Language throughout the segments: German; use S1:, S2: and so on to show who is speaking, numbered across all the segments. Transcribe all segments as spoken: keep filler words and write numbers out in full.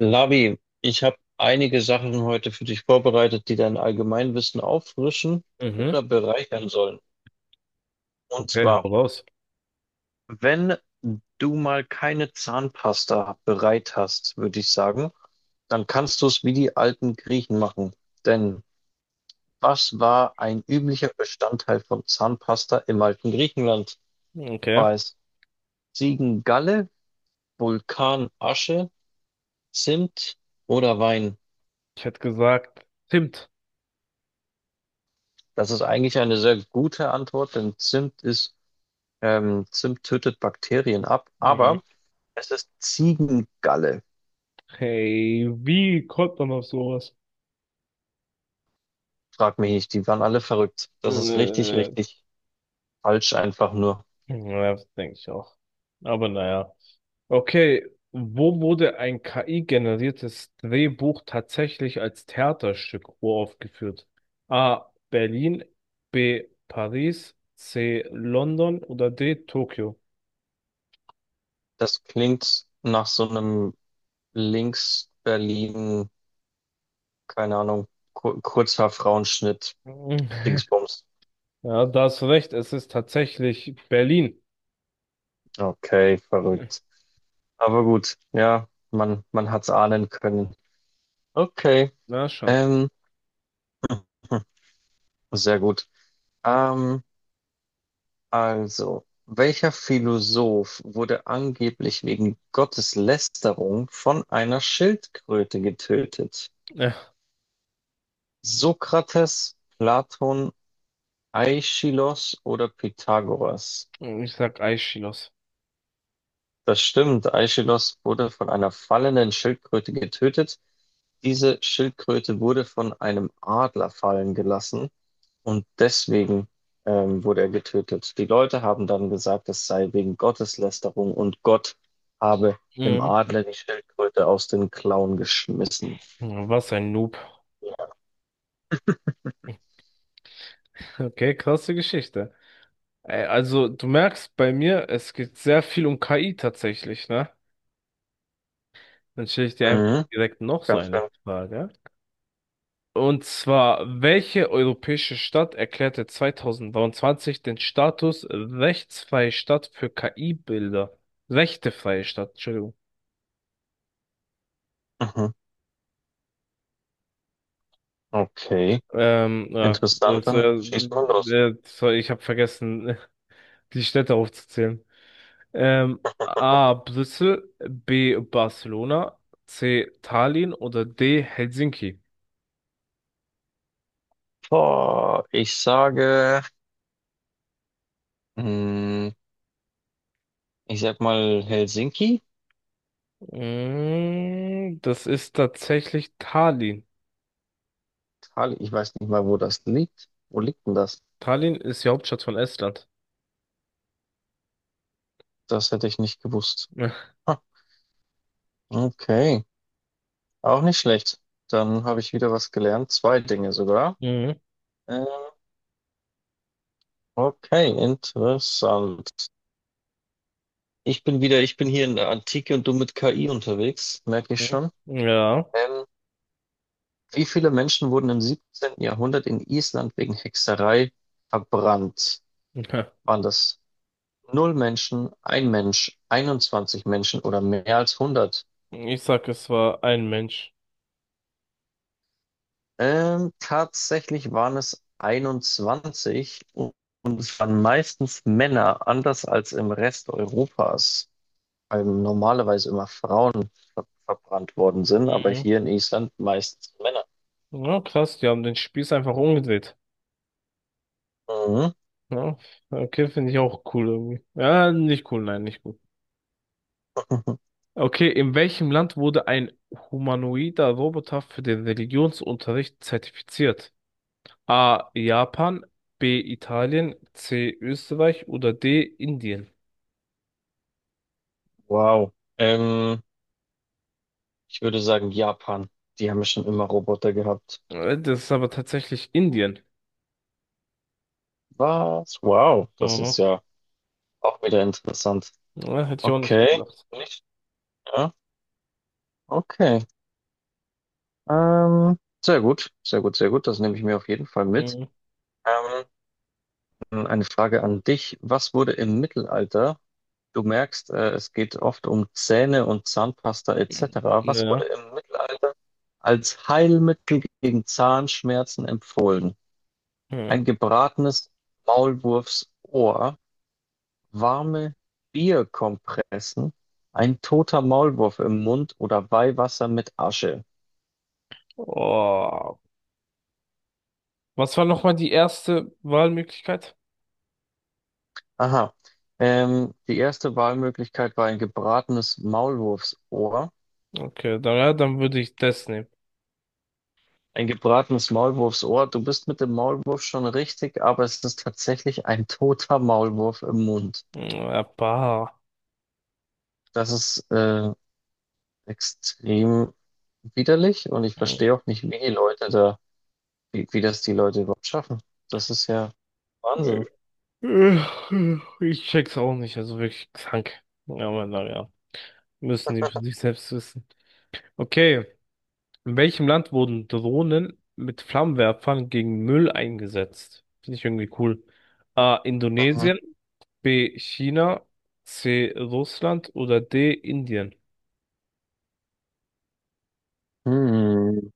S1: Lavi, ich habe einige Sachen heute für dich vorbereitet, die dein Allgemeinwissen auffrischen
S2: Mhm.
S1: oder bereichern sollen. Und
S2: Okay, hau
S1: zwar,
S2: raus.
S1: wenn du mal keine Zahnpasta bereit hast, würde ich sagen, dann kannst du es wie die alten Griechen machen. Denn was war ein üblicher Bestandteil von Zahnpasta im alten Griechenland?
S2: Okay.
S1: War es Ziegengalle, Vulkanasche, Zimt oder Wein?
S2: Ich hätte gesagt, Zimt.
S1: Das ist eigentlich eine sehr gute Antwort, denn Zimt ist Ähm, Zimt tötet Bakterien ab,
S2: Mhm.
S1: aber es ist Ziegengalle.
S2: Hey, wie kommt man auf sowas?
S1: Frag mich nicht, die waren alle verrückt. Das ist richtig,
S2: Äh,
S1: richtig falsch einfach nur.
S2: ja, das denke ich auch. Aber naja. Okay, wo wurde ein K I-generiertes Drehbuch tatsächlich als Theaterstück uraufgeführt? A. Berlin, B. Paris, C. London oder D. Tokio?
S1: Das klingt nach so einem Links-Berlin, keine Ahnung, Kur Kurzhaar-Frauenschnitt,
S2: Mhm.
S1: Dingsbums.
S2: Ja, da hast du recht, es ist tatsächlich Berlin.
S1: Okay, verrückt. Aber gut, ja, man, man hat's ahnen können. Okay,
S2: Na schon.
S1: ähm, hm, sehr gut. Ähm, Also, welcher Philosoph wurde angeblich wegen Gotteslästerung von einer Schildkröte getötet? Sokrates, Platon, Aischylos oder Pythagoras?
S2: Äh, Ich sag Aeschylus.
S1: Das stimmt. Aischylos wurde von einer fallenden Schildkröte getötet. Diese Schildkröte wurde von einem Adler fallen gelassen und deswegen ähm, wurde er getötet. Die Leute haben dann gesagt, es sei wegen Gotteslästerung und Gott habe dem
S2: Mhm.
S1: Adler die Schildkröte aus den Klauen geschmissen.
S2: Was ein Noob. Okay, krasse Geschichte. Äh, Also, du merkst bei mir, es geht sehr viel um K I tatsächlich, ne? Dann stelle ich dir einfach
S1: Mhm,
S2: direkt noch so
S1: ganz
S2: eine
S1: schön.
S2: Frage. Und zwar, welche europäische Stadt erklärte zwanzig dreiundzwanzig den Status rechtsfreie Stadt für K I-Bilder? Rechtefreie Stadt, Entschuldigung.
S1: Mhm. Okay,
S2: Ähm, ja,
S1: interessant,
S2: das, äh,
S1: dann schießt mal los.
S2: äh, sorry, ich habe vergessen, die Städte aufzuzählen. Ähm, A. Brüssel, B. Barcelona, C. Tallinn oder D. Helsinki?
S1: Boah, ich sage, mh, ich sag mal Helsinki.
S2: Mm, das ist tatsächlich Tallinn.
S1: Italien, ich weiß nicht mal, wo das liegt. Wo liegt denn das?
S2: Tallinn ist die Hauptstadt von Estland.
S1: Das hätte ich nicht gewusst. Ha, okay, auch nicht schlecht. Dann habe ich wieder was gelernt. Zwei Dinge sogar.
S2: Ja. Mhm.
S1: Ähm, okay, interessant. Ich bin wieder, ich bin hier in der Antike und du mit K I unterwegs, merke ich
S2: Mhm.
S1: schon.
S2: Ja.
S1: Ähm, Wie viele Menschen wurden im siebzehnten. Jahrhundert in Island wegen Hexerei verbrannt? Waren das null Menschen, ein Mensch, einundzwanzig Menschen oder mehr als hundert?
S2: Ich sag, es war ein Mensch.
S1: Ähm, tatsächlich waren es einundzwanzig, und und es waren meistens Männer, anders als im Rest Europas, weil normalerweise immer Frauen ver verbrannt worden sind, aber
S2: Mhm.
S1: hier in Island meistens Männer.
S2: Ja, krass, die haben den Spieß einfach umgedreht.
S1: Mhm.
S2: Ja, okay, finde ich auch cool irgendwie. Ja, nicht cool, nein, nicht cool. Okay, in welchem Land wurde ein humanoider Roboter für den Religionsunterricht zertifiziert? A. Japan, B. Italien, C. Österreich oder D. Indien?
S1: Wow. Ähm, Ich würde sagen Japan. Die haben ja schon immer Roboter gehabt.
S2: Äh, Das ist aber tatsächlich Indien.
S1: Was? Wow. Das ist
S2: Mhm.
S1: ja auch wieder interessant.
S2: Ja, hätte ich auch nicht
S1: Okay.
S2: gedacht.
S1: Nicht? Ja. Okay. Ähm, Sehr gut. Sehr gut, sehr gut. Das nehme ich mir auf jeden Fall mit.
S2: Mhm.
S1: Ähm, eine Frage an dich. Was wurde im Mittelalter, du merkst, äh, es geht oft um Zähne und Zahnpasta et cetera, was wurde
S2: Ja.
S1: im Mittelalter als Heilmittel gegen Zahnschmerzen empfohlen?
S2: Hm.
S1: Ein gebratenes Maulwurfsohr, warme Bierkompressen, ein toter Maulwurf im Mund oder Weihwasser mit Asche.
S2: Oh. Was war nochmal die erste Wahlmöglichkeit?
S1: Aha. Ähm, die erste Wahlmöglichkeit war ein gebratenes Maulwurfsohr.
S2: Okay, dann, ja, dann würde ich das nehmen.
S1: Ein gebratenes Maulwurfsohr. Du bist mit dem Maulwurf schon richtig, aber es ist tatsächlich ein toter Maulwurf im Mund.
S2: Ja, bah.
S1: Das ist äh, extrem widerlich und ich verstehe auch nicht, wie die Leute da, wie, wie das die Leute überhaupt schaffen. Das ist ja Wahnsinn.
S2: Äh, Ich check's auch nicht, also wirklich krank. Ja, aber naja, müssen die für sich selbst wissen. Okay, in welchem Land wurden Drohnen mit Flammenwerfern gegen Müll eingesetzt? Finde ich irgendwie cool. A.
S1: Mhm.
S2: Indonesien, B. China, C. Russland oder D. Indien?
S1: Hm.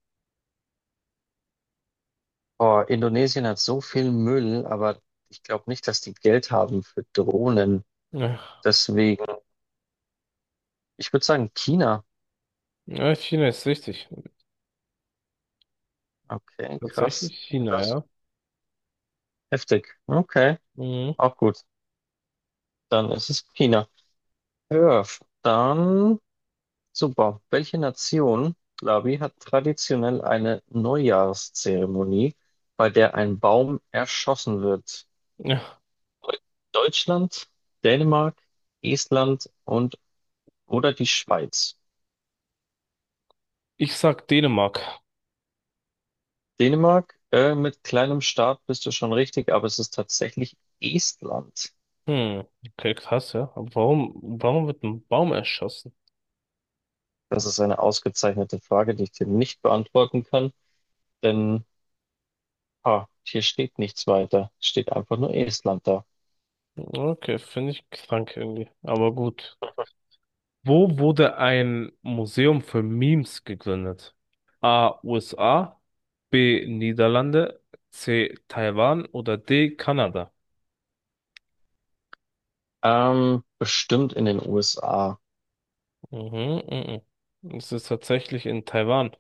S1: Boah, Indonesien hat so viel Müll, aber ich glaube nicht, dass die Geld haben für Drohnen.
S2: Ach,
S1: Deswegen, ich würde sagen, China.
S2: ja, China ist richtig.
S1: Okay,
S2: Tatsächlich
S1: krass. Ja,
S2: China,
S1: das ist
S2: ja.
S1: heftig. Okay,
S2: Mhm.
S1: auch gut. Dann ist es China. Ja, dann super. Welche Nation, Labi, hat traditionell eine Neujahrszeremonie, bei der ein Baum erschossen wird?
S2: Ja,
S1: Deu- Deutschland, Dänemark, Estland und oder die Schweiz?
S2: ich sag Dänemark.
S1: Dänemark, äh, mit kleinem Staat bist du schon richtig, aber es ist tatsächlich Estland.
S2: Hm, okay, krass, ja. Aber warum, warum wird ein Baum erschossen?
S1: Das ist eine ausgezeichnete Frage, die ich dir nicht beantworten kann, denn ah, hier steht nichts weiter. Steht einfach nur Estland da.
S2: Okay, finde ich krank irgendwie. Aber gut. Wo wurde ein Museum für Memes gegründet? A. U S A, B. Niederlande, C. Taiwan oder D. Kanada?
S1: Ähm, bestimmt in den U S A.
S2: Mhm, mhm. Es ist tatsächlich in Taiwan.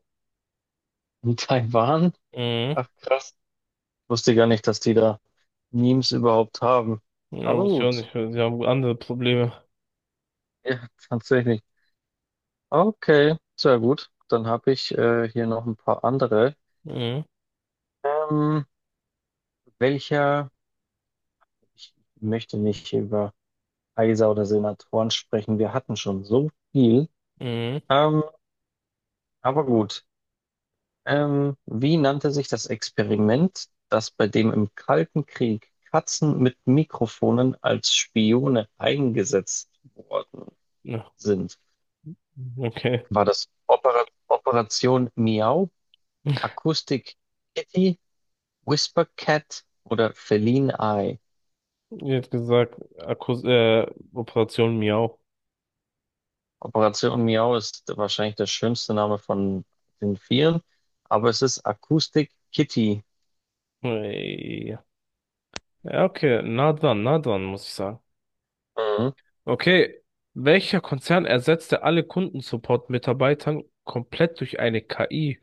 S1: In Taiwan?
S2: Mhm.
S1: Ach krass. Wusste gar nicht, dass die da Memes überhaupt haben.
S2: Ja,
S1: Aber
S2: muss ich auch
S1: gut.
S2: nicht. Sie haben andere Probleme.
S1: Ja, tatsächlich. Okay, sehr gut. Dann habe ich äh, hier noch ein paar andere.
S2: Mhm,
S1: Ähm, Welcher? Ich möchte nicht über Kaiser oder Senatoren sprechen. Wir hatten schon so viel.
S2: mhm.
S1: Ähm, aber gut. Ähm, wie nannte sich das Experiment, das bei dem im Kalten Krieg Katzen mit Mikrofonen als Spione eingesetzt worden
S2: Ja,
S1: sind?
S2: okay.
S1: War das Opera Operation Miau, Akustik Kitty, Whisper Cat oder Feline Eye?
S2: Ihr hättet gesagt, Akkus äh, Operation Miau.
S1: Operation Miau ist wahrscheinlich der schönste Name von den vieren, aber es ist Akustik Kitty.
S2: Ey. Ja, okay, nah dran, nah dran, muss ich sagen.
S1: Mhm.
S2: Okay, welcher Konzern ersetzte alle Kundensupport-Mitarbeitern komplett durch eine K I?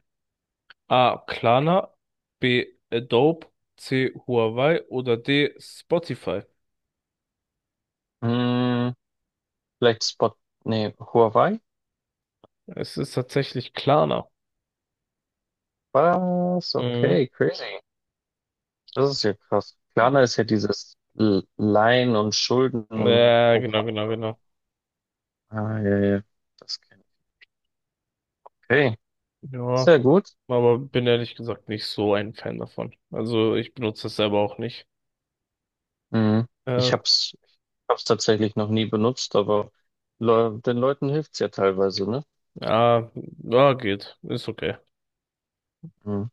S2: A. Klarna, B. Adobe, C. Huawei oder D. Spotify?
S1: Hm, vielleicht Spot, nee, Huawei?
S2: Es ist tatsächlich Klarna.
S1: Was?
S2: Mhm.
S1: Okay, crazy. Das ist ja krass. Klarna ist ja dieses L- Leihen- und
S2: Ja,
S1: Schuldenprogramm.
S2: genau, genau, genau.
S1: Ah, ja, ja. Das kenn ich. Okay,
S2: Ja,
S1: sehr gut.
S2: aber bin ehrlich gesagt nicht so ein Fan davon. Also ich benutze das selber auch nicht.
S1: Mhm. Ich
S2: Äh,
S1: hab's, ich hab's tatsächlich noch nie benutzt, aber Le den Leuten hilft's ja teilweise, ne?
S2: ja, ja, geht. Ist okay.
S1: Mhm.